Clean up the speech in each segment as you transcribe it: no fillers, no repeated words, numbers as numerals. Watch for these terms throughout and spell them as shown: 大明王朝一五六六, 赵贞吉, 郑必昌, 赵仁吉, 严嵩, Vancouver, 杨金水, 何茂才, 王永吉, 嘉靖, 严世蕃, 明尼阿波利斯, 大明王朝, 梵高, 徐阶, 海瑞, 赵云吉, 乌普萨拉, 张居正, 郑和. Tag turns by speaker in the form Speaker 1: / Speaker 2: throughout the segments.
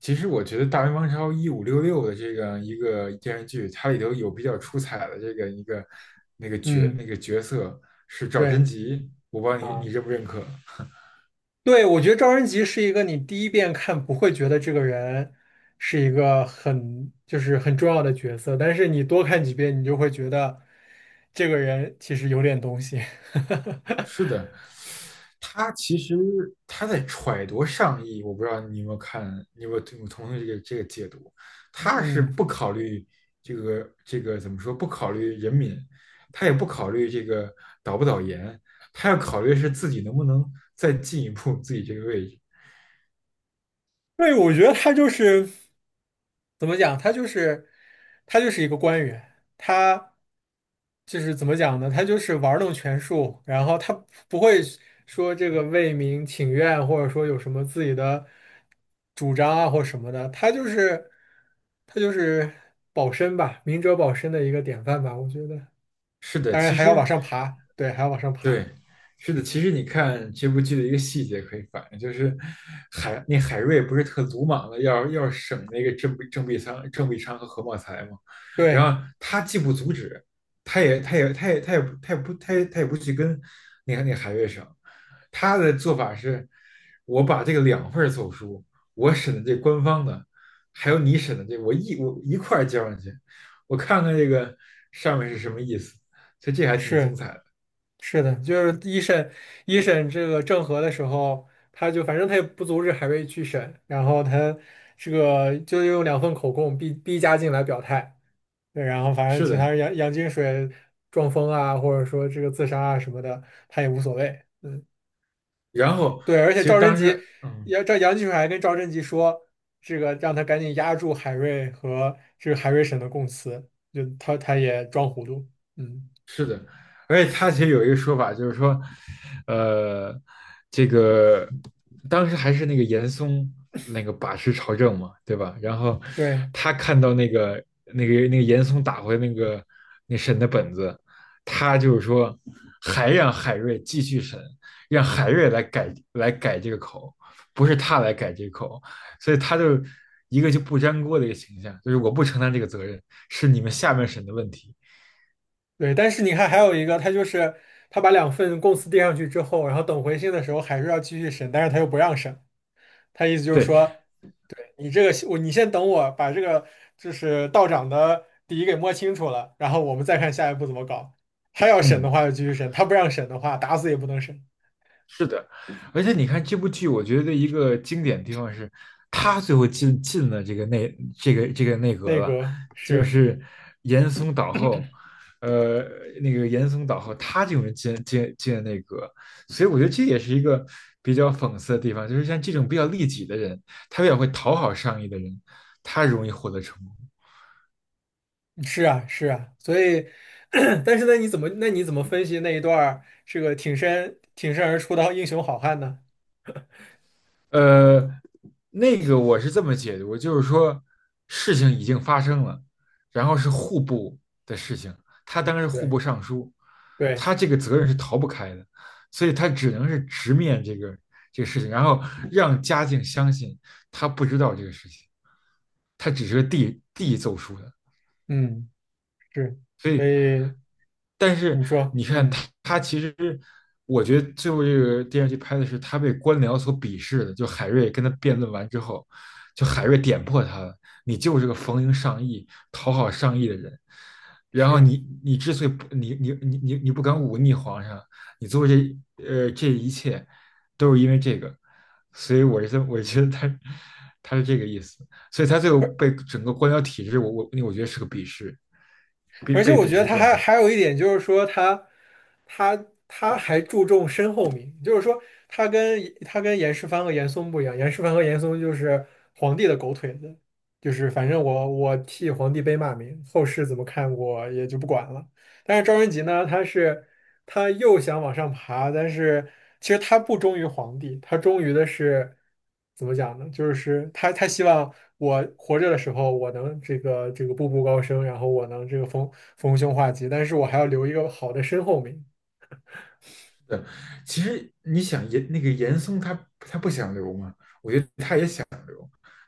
Speaker 1: 其实我觉得《大明王朝一五六六》的这个电视剧，它里头有比较出彩的这个一个那个角那
Speaker 2: 嗯，
Speaker 1: 个角色是赵贞
Speaker 2: 对
Speaker 1: 吉，我不知道你
Speaker 2: 啊，
Speaker 1: 认不认可？
Speaker 2: 对，我觉得赵仁吉是一个你第一遍看不会觉得这个人是一个很就是很重要的角色，但是你多看几遍，你就会觉得这个人其实有点东西。
Speaker 1: 是的，他其实他在揣度上意，我不知道你有没有看，你有没有同意这个解读？他是
Speaker 2: 嗯。
Speaker 1: 不考虑这个怎么说？不考虑人民，他也不考虑这个导不导研，他要考虑是自己能不能再进一步自己这个位置。
Speaker 2: 对，我觉得他就是怎么讲，他就是一个官员，他就是怎么讲呢？他就是玩弄权术，然后他不会说这个为民请愿，或者说有什么自己的主张啊或什么的，他就是保身吧，明哲保身的一个典范吧，我觉得。
Speaker 1: 是的，
Speaker 2: 当然
Speaker 1: 其
Speaker 2: 还要往
Speaker 1: 实，
Speaker 2: 上爬，对，还要往上爬，
Speaker 1: 对，是的，其实你看这部剧的一个细节可以反映，就是海瑞不是特鲁莽的要审那个郑必昌和何茂才嘛，
Speaker 2: 对，
Speaker 1: 然后他既不阻止，他也他也他也他也不他也不他也他也不去跟那个海瑞审，他的做法是，我把这个两份儿奏书，我审的这官方的，还有你审的这个我一块儿交上去，我看看这个上面是什么意思，所以这还挺精
Speaker 2: 是。
Speaker 1: 彩的。
Speaker 2: 是的，就是一审这个郑和的时候，他就反正他也不阻止海瑞去审，然后他这个就用两份口供逼嘉靖来表态，对，然后反正
Speaker 1: 是
Speaker 2: 其他
Speaker 1: 的，
Speaker 2: 人杨金水撞疯啊，或者说这个自杀啊什么的，他也无所谓。
Speaker 1: 然后
Speaker 2: 对，而
Speaker 1: 其
Speaker 2: 且
Speaker 1: 实
Speaker 2: 赵贞
Speaker 1: 当
Speaker 2: 吉
Speaker 1: 时，
Speaker 2: 杨金水还跟赵贞吉说，这个让他赶紧压住海瑞和这个海瑞审的供词，就他也装糊涂，嗯。
Speaker 1: 是的，而且他其实有一个说法，就是说，呃，这个当时还是那个严嵩那个把持朝政嘛，对吧？然后
Speaker 2: 对，
Speaker 1: 他看到那个严嵩打回那个那审的本子，他就是说还让海瑞继续审，让海瑞来改这个口，不是他来改这个口，所以他就一个就不粘锅的一个形象，就是我不承担这个责任，是你们下面审的问题。
Speaker 2: 对，但是你看，还有一个，他就是他把两份供词递上去之后，然后等回信的时候还是要继续审，但是他又不让审，他意思就是
Speaker 1: 对，
Speaker 2: 说，你这个我你先等我把这个就是道长的底给摸清楚了，然后我们再看下一步怎么搞。他要审的
Speaker 1: 嗯，
Speaker 2: 话就继续审，他不让审的话打死也不能审。
Speaker 1: 是的，而且你看这部剧，我觉得一个经典的地方是，他最后进了这个内这个这个内阁
Speaker 2: 那
Speaker 1: 了，
Speaker 2: 个
Speaker 1: 就
Speaker 2: 是
Speaker 1: 是严嵩倒后，呃，那个严嵩倒后，他这种人进了内阁，所以我觉得这也是一个比较讽刺的地方，就是像这种比较利己的人，他比较会讨好上意的人，他容易获得成功。
Speaker 2: 是啊是啊，所以 但是那你怎么分析那一段儿这个挺身而出的英雄好汉呢？
Speaker 1: 呃，那个我是这么解读，就是说事情已经发生了，然后是户部的事情，他当然是户部
Speaker 2: 对
Speaker 1: 尚书，
Speaker 2: 对，
Speaker 1: 他这个责任是逃不开的，所以他只能是直面这个事情，然后让嘉靖相信他不知道这个事情，他只是个递奏疏的，
Speaker 2: 嗯。是，
Speaker 1: 所
Speaker 2: 所
Speaker 1: 以
Speaker 2: 以
Speaker 1: 但是
Speaker 2: 你说，
Speaker 1: 你看他，
Speaker 2: 嗯，
Speaker 1: 他其实我觉得最后这个电视剧拍的是他被官僚所鄙视的，就海瑞跟他辩论完之后，就海瑞点破他了，你就是个逢迎上意、讨好上意的人。然
Speaker 2: 是
Speaker 1: 后
Speaker 2: 啊，
Speaker 1: 你之所以不你你你你你不敢忤逆皇上，你做这这一切都是因为这个，所以我是这我觉得他他是这个意思，所以他最后
Speaker 2: 而
Speaker 1: 被整个官僚体制，我觉得是个鄙视，被
Speaker 2: 而且
Speaker 1: 被
Speaker 2: 我
Speaker 1: 鄙
Speaker 2: 觉得
Speaker 1: 视
Speaker 2: 他
Speaker 1: 状
Speaker 2: 还
Speaker 1: 态。
Speaker 2: 还有一点就是说他，他还注重身后名，就是说他跟严世蕃和严嵩不一样，严世蕃和严嵩就是皇帝的狗腿子，就是反正我替皇帝背骂名，后世怎么看我也就不管了。但是赵云吉呢，他又想往上爬，但是其实他不忠于皇帝，他忠于的是怎么讲呢？就是他希望我活着的时候，我能这个步步高升，然后我能这个逢凶化吉，但是我还要留一个好的身后名。
Speaker 1: 对，其实你想严那个严嵩他不想留嘛，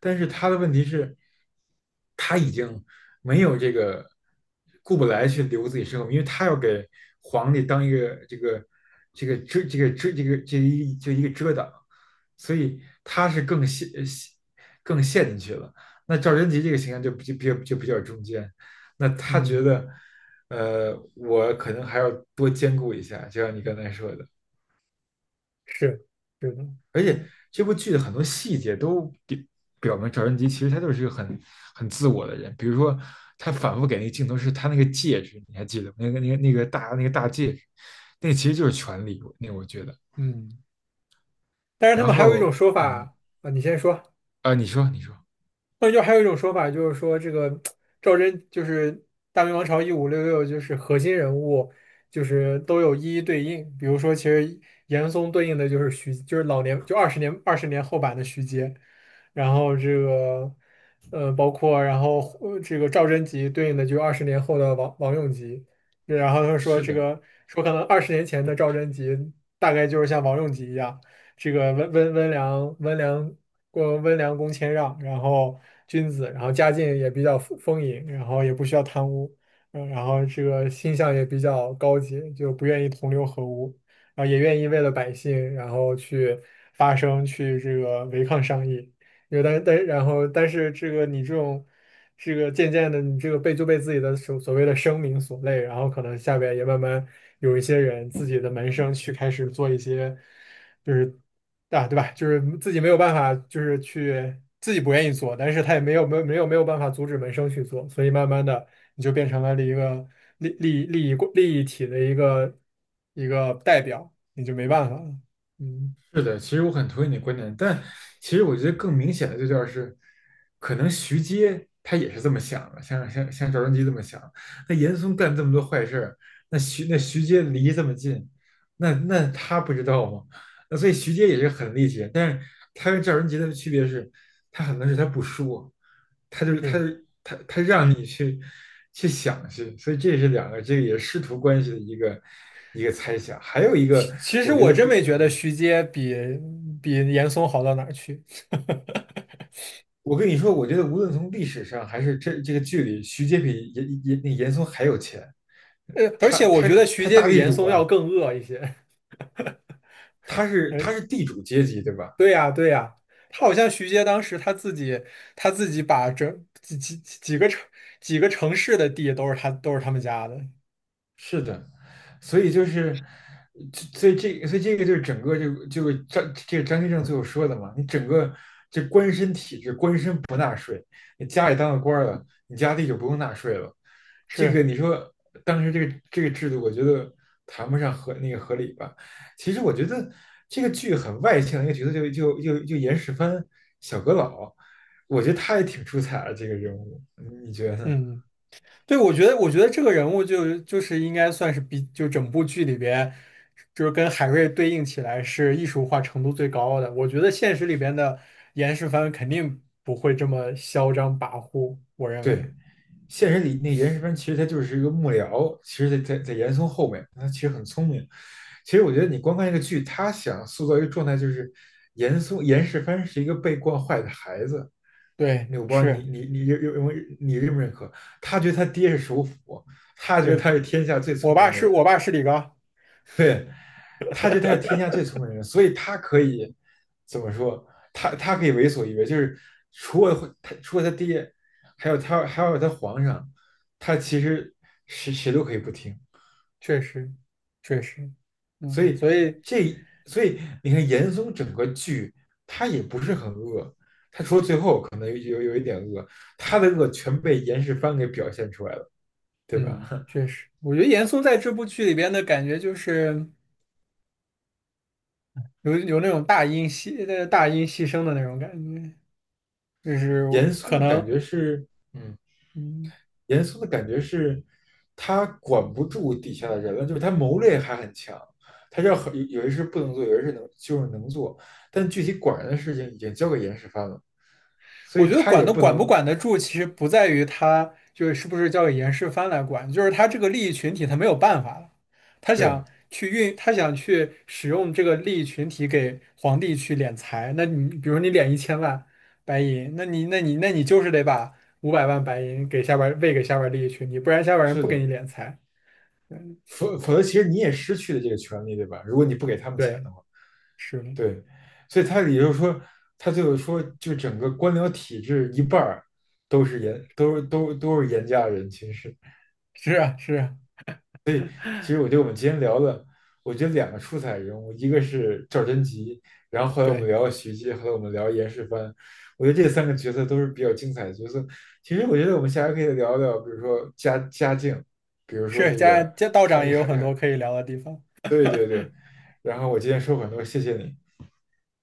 Speaker 1: 但是他的问题是，他已经没有这个顾不来去留自己身后，因为他要给皇帝当一个这个这个遮这个遮这个这一就一个遮挡，所以他是更陷进去了。那赵贞吉这个形象就比就比就比较中间，那他觉
Speaker 2: 嗯，
Speaker 1: 得，我可能还要多兼顾一下，就像你刚才说的。
Speaker 2: 是是的，嗯
Speaker 1: 这部剧的很多细节都表明赵贞吉其实他就是一个很自我的人。比如说，他反复给那个镜头是他那个戒指，你还记得吗？那个那个那个大那个大戒指，那个其实就是权力。那个我觉得，
Speaker 2: 嗯。但是他
Speaker 1: 然
Speaker 2: 们还有一种
Speaker 1: 后
Speaker 2: 说法啊，你先说。
Speaker 1: 你说你说，
Speaker 2: 那就还有一种说法，就是说这个赵祯就是大明王朝1566，就是核心人物，就是都有一一对应。比如说，其实严嵩对应的就是徐，就是老年，就二十年后版的徐阶。然后这个包括然后这个赵贞吉对应的就是二十年后的王永吉。然后他说
Speaker 1: 是
Speaker 2: 这
Speaker 1: 的，
Speaker 2: 个说可能二十年前的赵贞吉大概就是像王永吉一样，这个温良恭谦让，然后君子，然后家境也比较丰盈，然后也不需要贪污，嗯，然后这个心向也比较高级，就不愿意同流合污，然后也愿意为了百姓，然后去发声，去这个违抗上意。有为但但然后但是这个你这种这个渐渐的，你这个被自己的所谓的声名所累，然后可能下边也慢慢有一些人自己的门生去开始做一些。就是。啊，对吧？就是自己没有办法，就是去自己不愿意做，但是他也没有办法阻止门生去做，所以慢慢的你就变成了一个利益体的一个代表，你就没办法了。嗯，
Speaker 1: 是的，其实我很同意你的观点，但其实我觉得更明显的就叫是，可能徐阶他也是这么想的，像赵贞吉这么想。那严嵩干这么多坏事儿，那徐那徐阶离这么近，那他不知道吗？那所以徐阶也是很厉害，但是他跟赵贞吉的区别是，他很多事他不说，他就是他
Speaker 2: 是，
Speaker 1: 他他让你去想去，所以这是两个这个也是师徒关系的一个一个猜想，还有一
Speaker 2: 其
Speaker 1: 个
Speaker 2: 其实
Speaker 1: 我觉
Speaker 2: 我
Speaker 1: 得
Speaker 2: 真
Speaker 1: 比。
Speaker 2: 没觉得徐阶比比严嵩好到哪儿去，
Speaker 1: 我跟你说，我觉得无论从历史上还是这个剧里，徐阶比严嵩还有钱，
Speaker 2: 而
Speaker 1: 他
Speaker 2: 且我
Speaker 1: 他
Speaker 2: 觉得徐
Speaker 1: 他
Speaker 2: 阶
Speaker 1: 大
Speaker 2: 比
Speaker 1: 地
Speaker 2: 严
Speaker 1: 主
Speaker 2: 嵩要
Speaker 1: 啊，
Speaker 2: 更恶一些。
Speaker 1: 他是 地主阶级，对吧？
Speaker 2: 对呀，对呀，他好像徐阶当时他自己把整几个城市的地都是他们家的，
Speaker 1: 是的，所以就是，所以这个就是整个是张这个张居正最后说的嘛，你整个你家里当了官儿了，你家地就不用纳税了。这个
Speaker 2: 是，
Speaker 1: 你说当时这个制度，我觉得谈不上合那个合理吧。其实我觉得这个剧很外向的一个角色就严世蕃小阁老，我觉得他也挺出彩的这个人物，你你觉得呢？
Speaker 2: 嗯，对，我觉得这个人物就是应该算是比就整部剧里边，就是跟海瑞对应起来是艺术化程度最高的。我觉得现实里边的严世蕃肯定不会这么嚣张跋扈，我认为，
Speaker 1: 对，现实里那严世蕃其实他就是一个幕僚，其实在严嵩后面，他其实很聪明。其实我觉得你光看这个剧，他想塑造一个状态，就是严嵩严世蕃是一个被惯坏的孩子。
Speaker 2: 对，
Speaker 1: 那我不知道你
Speaker 2: 是
Speaker 1: 你你认认为你认不认可？他觉得他爹是首辅，他觉得
Speaker 2: 是，
Speaker 1: 他是天下最
Speaker 2: 我
Speaker 1: 聪
Speaker 2: 爸
Speaker 1: 明的
Speaker 2: 是
Speaker 1: 人，
Speaker 2: 我爸是李刚。
Speaker 1: 对，他觉得他是天下最聪明的人，所以他可以怎么说？他可以为所欲为，就是除了他爹，还有他皇上，他其实谁都可以不听。
Speaker 2: 确实，确实，
Speaker 1: 所
Speaker 2: 嗯，
Speaker 1: 以
Speaker 2: 所以，
Speaker 1: 所以你看严嵩整个剧他也不是很恶，他的恶全被严世蕃给表现出来了，对吧？
Speaker 2: 嗯，确实，我觉得严嵩在这部剧里边的感觉就是有那种大音牺牲的那种感觉，就是
Speaker 1: 严嵩
Speaker 2: 可
Speaker 1: 的感
Speaker 2: 能，
Speaker 1: 觉是，嗯，
Speaker 2: 嗯，
Speaker 1: 严嵩的感觉是，他管不住底下的人了，就是他谋略还很强，他知道有些事不能做，有些事能就是能做，但具体管人的事情已经交给严世蕃了，所
Speaker 2: 我
Speaker 1: 以
Speaker 2: 觉得
Speaker 1: 他
Speaker 2: 管
Speaker 1: 也
Speaker 2: 都
Speaker 1: 不
Speaker 2: 管不
Speaker 1: 能，
Speaker 2: 管得住，其实不在于他就是是不是交给严世蕃来管，就是他这个利益群体他没有办法了，他
Speaker 1: 对，
Speaker 2: 想去运，他想去使用这个利益群体给皇帝去敛财。那你比如你敛1000万白银，那你就是得把500万白银给下边儿喂给下边儿利益群体，不然下边儿人
Speaker 1: 是
Speaker 2: 不给你
Speaker 1: 的，
Speaker 2: 敛财。嗯，
Speaker 1: 否则其实你也失去了这个权利，对吧？如果你不给他们钱
Speaker 2: 对，
Speaker 1: 的话，
Speaker 2: 是的，
Speaker 1: 对，所以他也就是说，他最后说，就整个官僚体制一半儿都是严，都是都都是严家人，其实。
Speaker 2: 是啊，是啊，
Speaker 1: 其实我觉得我们今天聊的，我觉得两个出彩人物，一个是赵贞吉，然后后来我们
Speaker 2: 对，
Speaker 1: 聊了徐阶，后来我们聊严世蕃，我觉得这三个角色都是比较精彩的角色。其实我觉得我们下回可以聊聊，比如说家境，比如说
Speaker 2: 是
Speaker 1: 这个
Speaker 2: 道
Speaker 1: 还
Speaker 2: 长也有
Speaker 1: 还
Speaker 2: 很
Speaker 1: 还，
Speaker 2: 多可以聊的地方。
Speaker 1: 对对对。然后我今天说很多，谢谢你。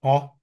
Speaker 2: 好。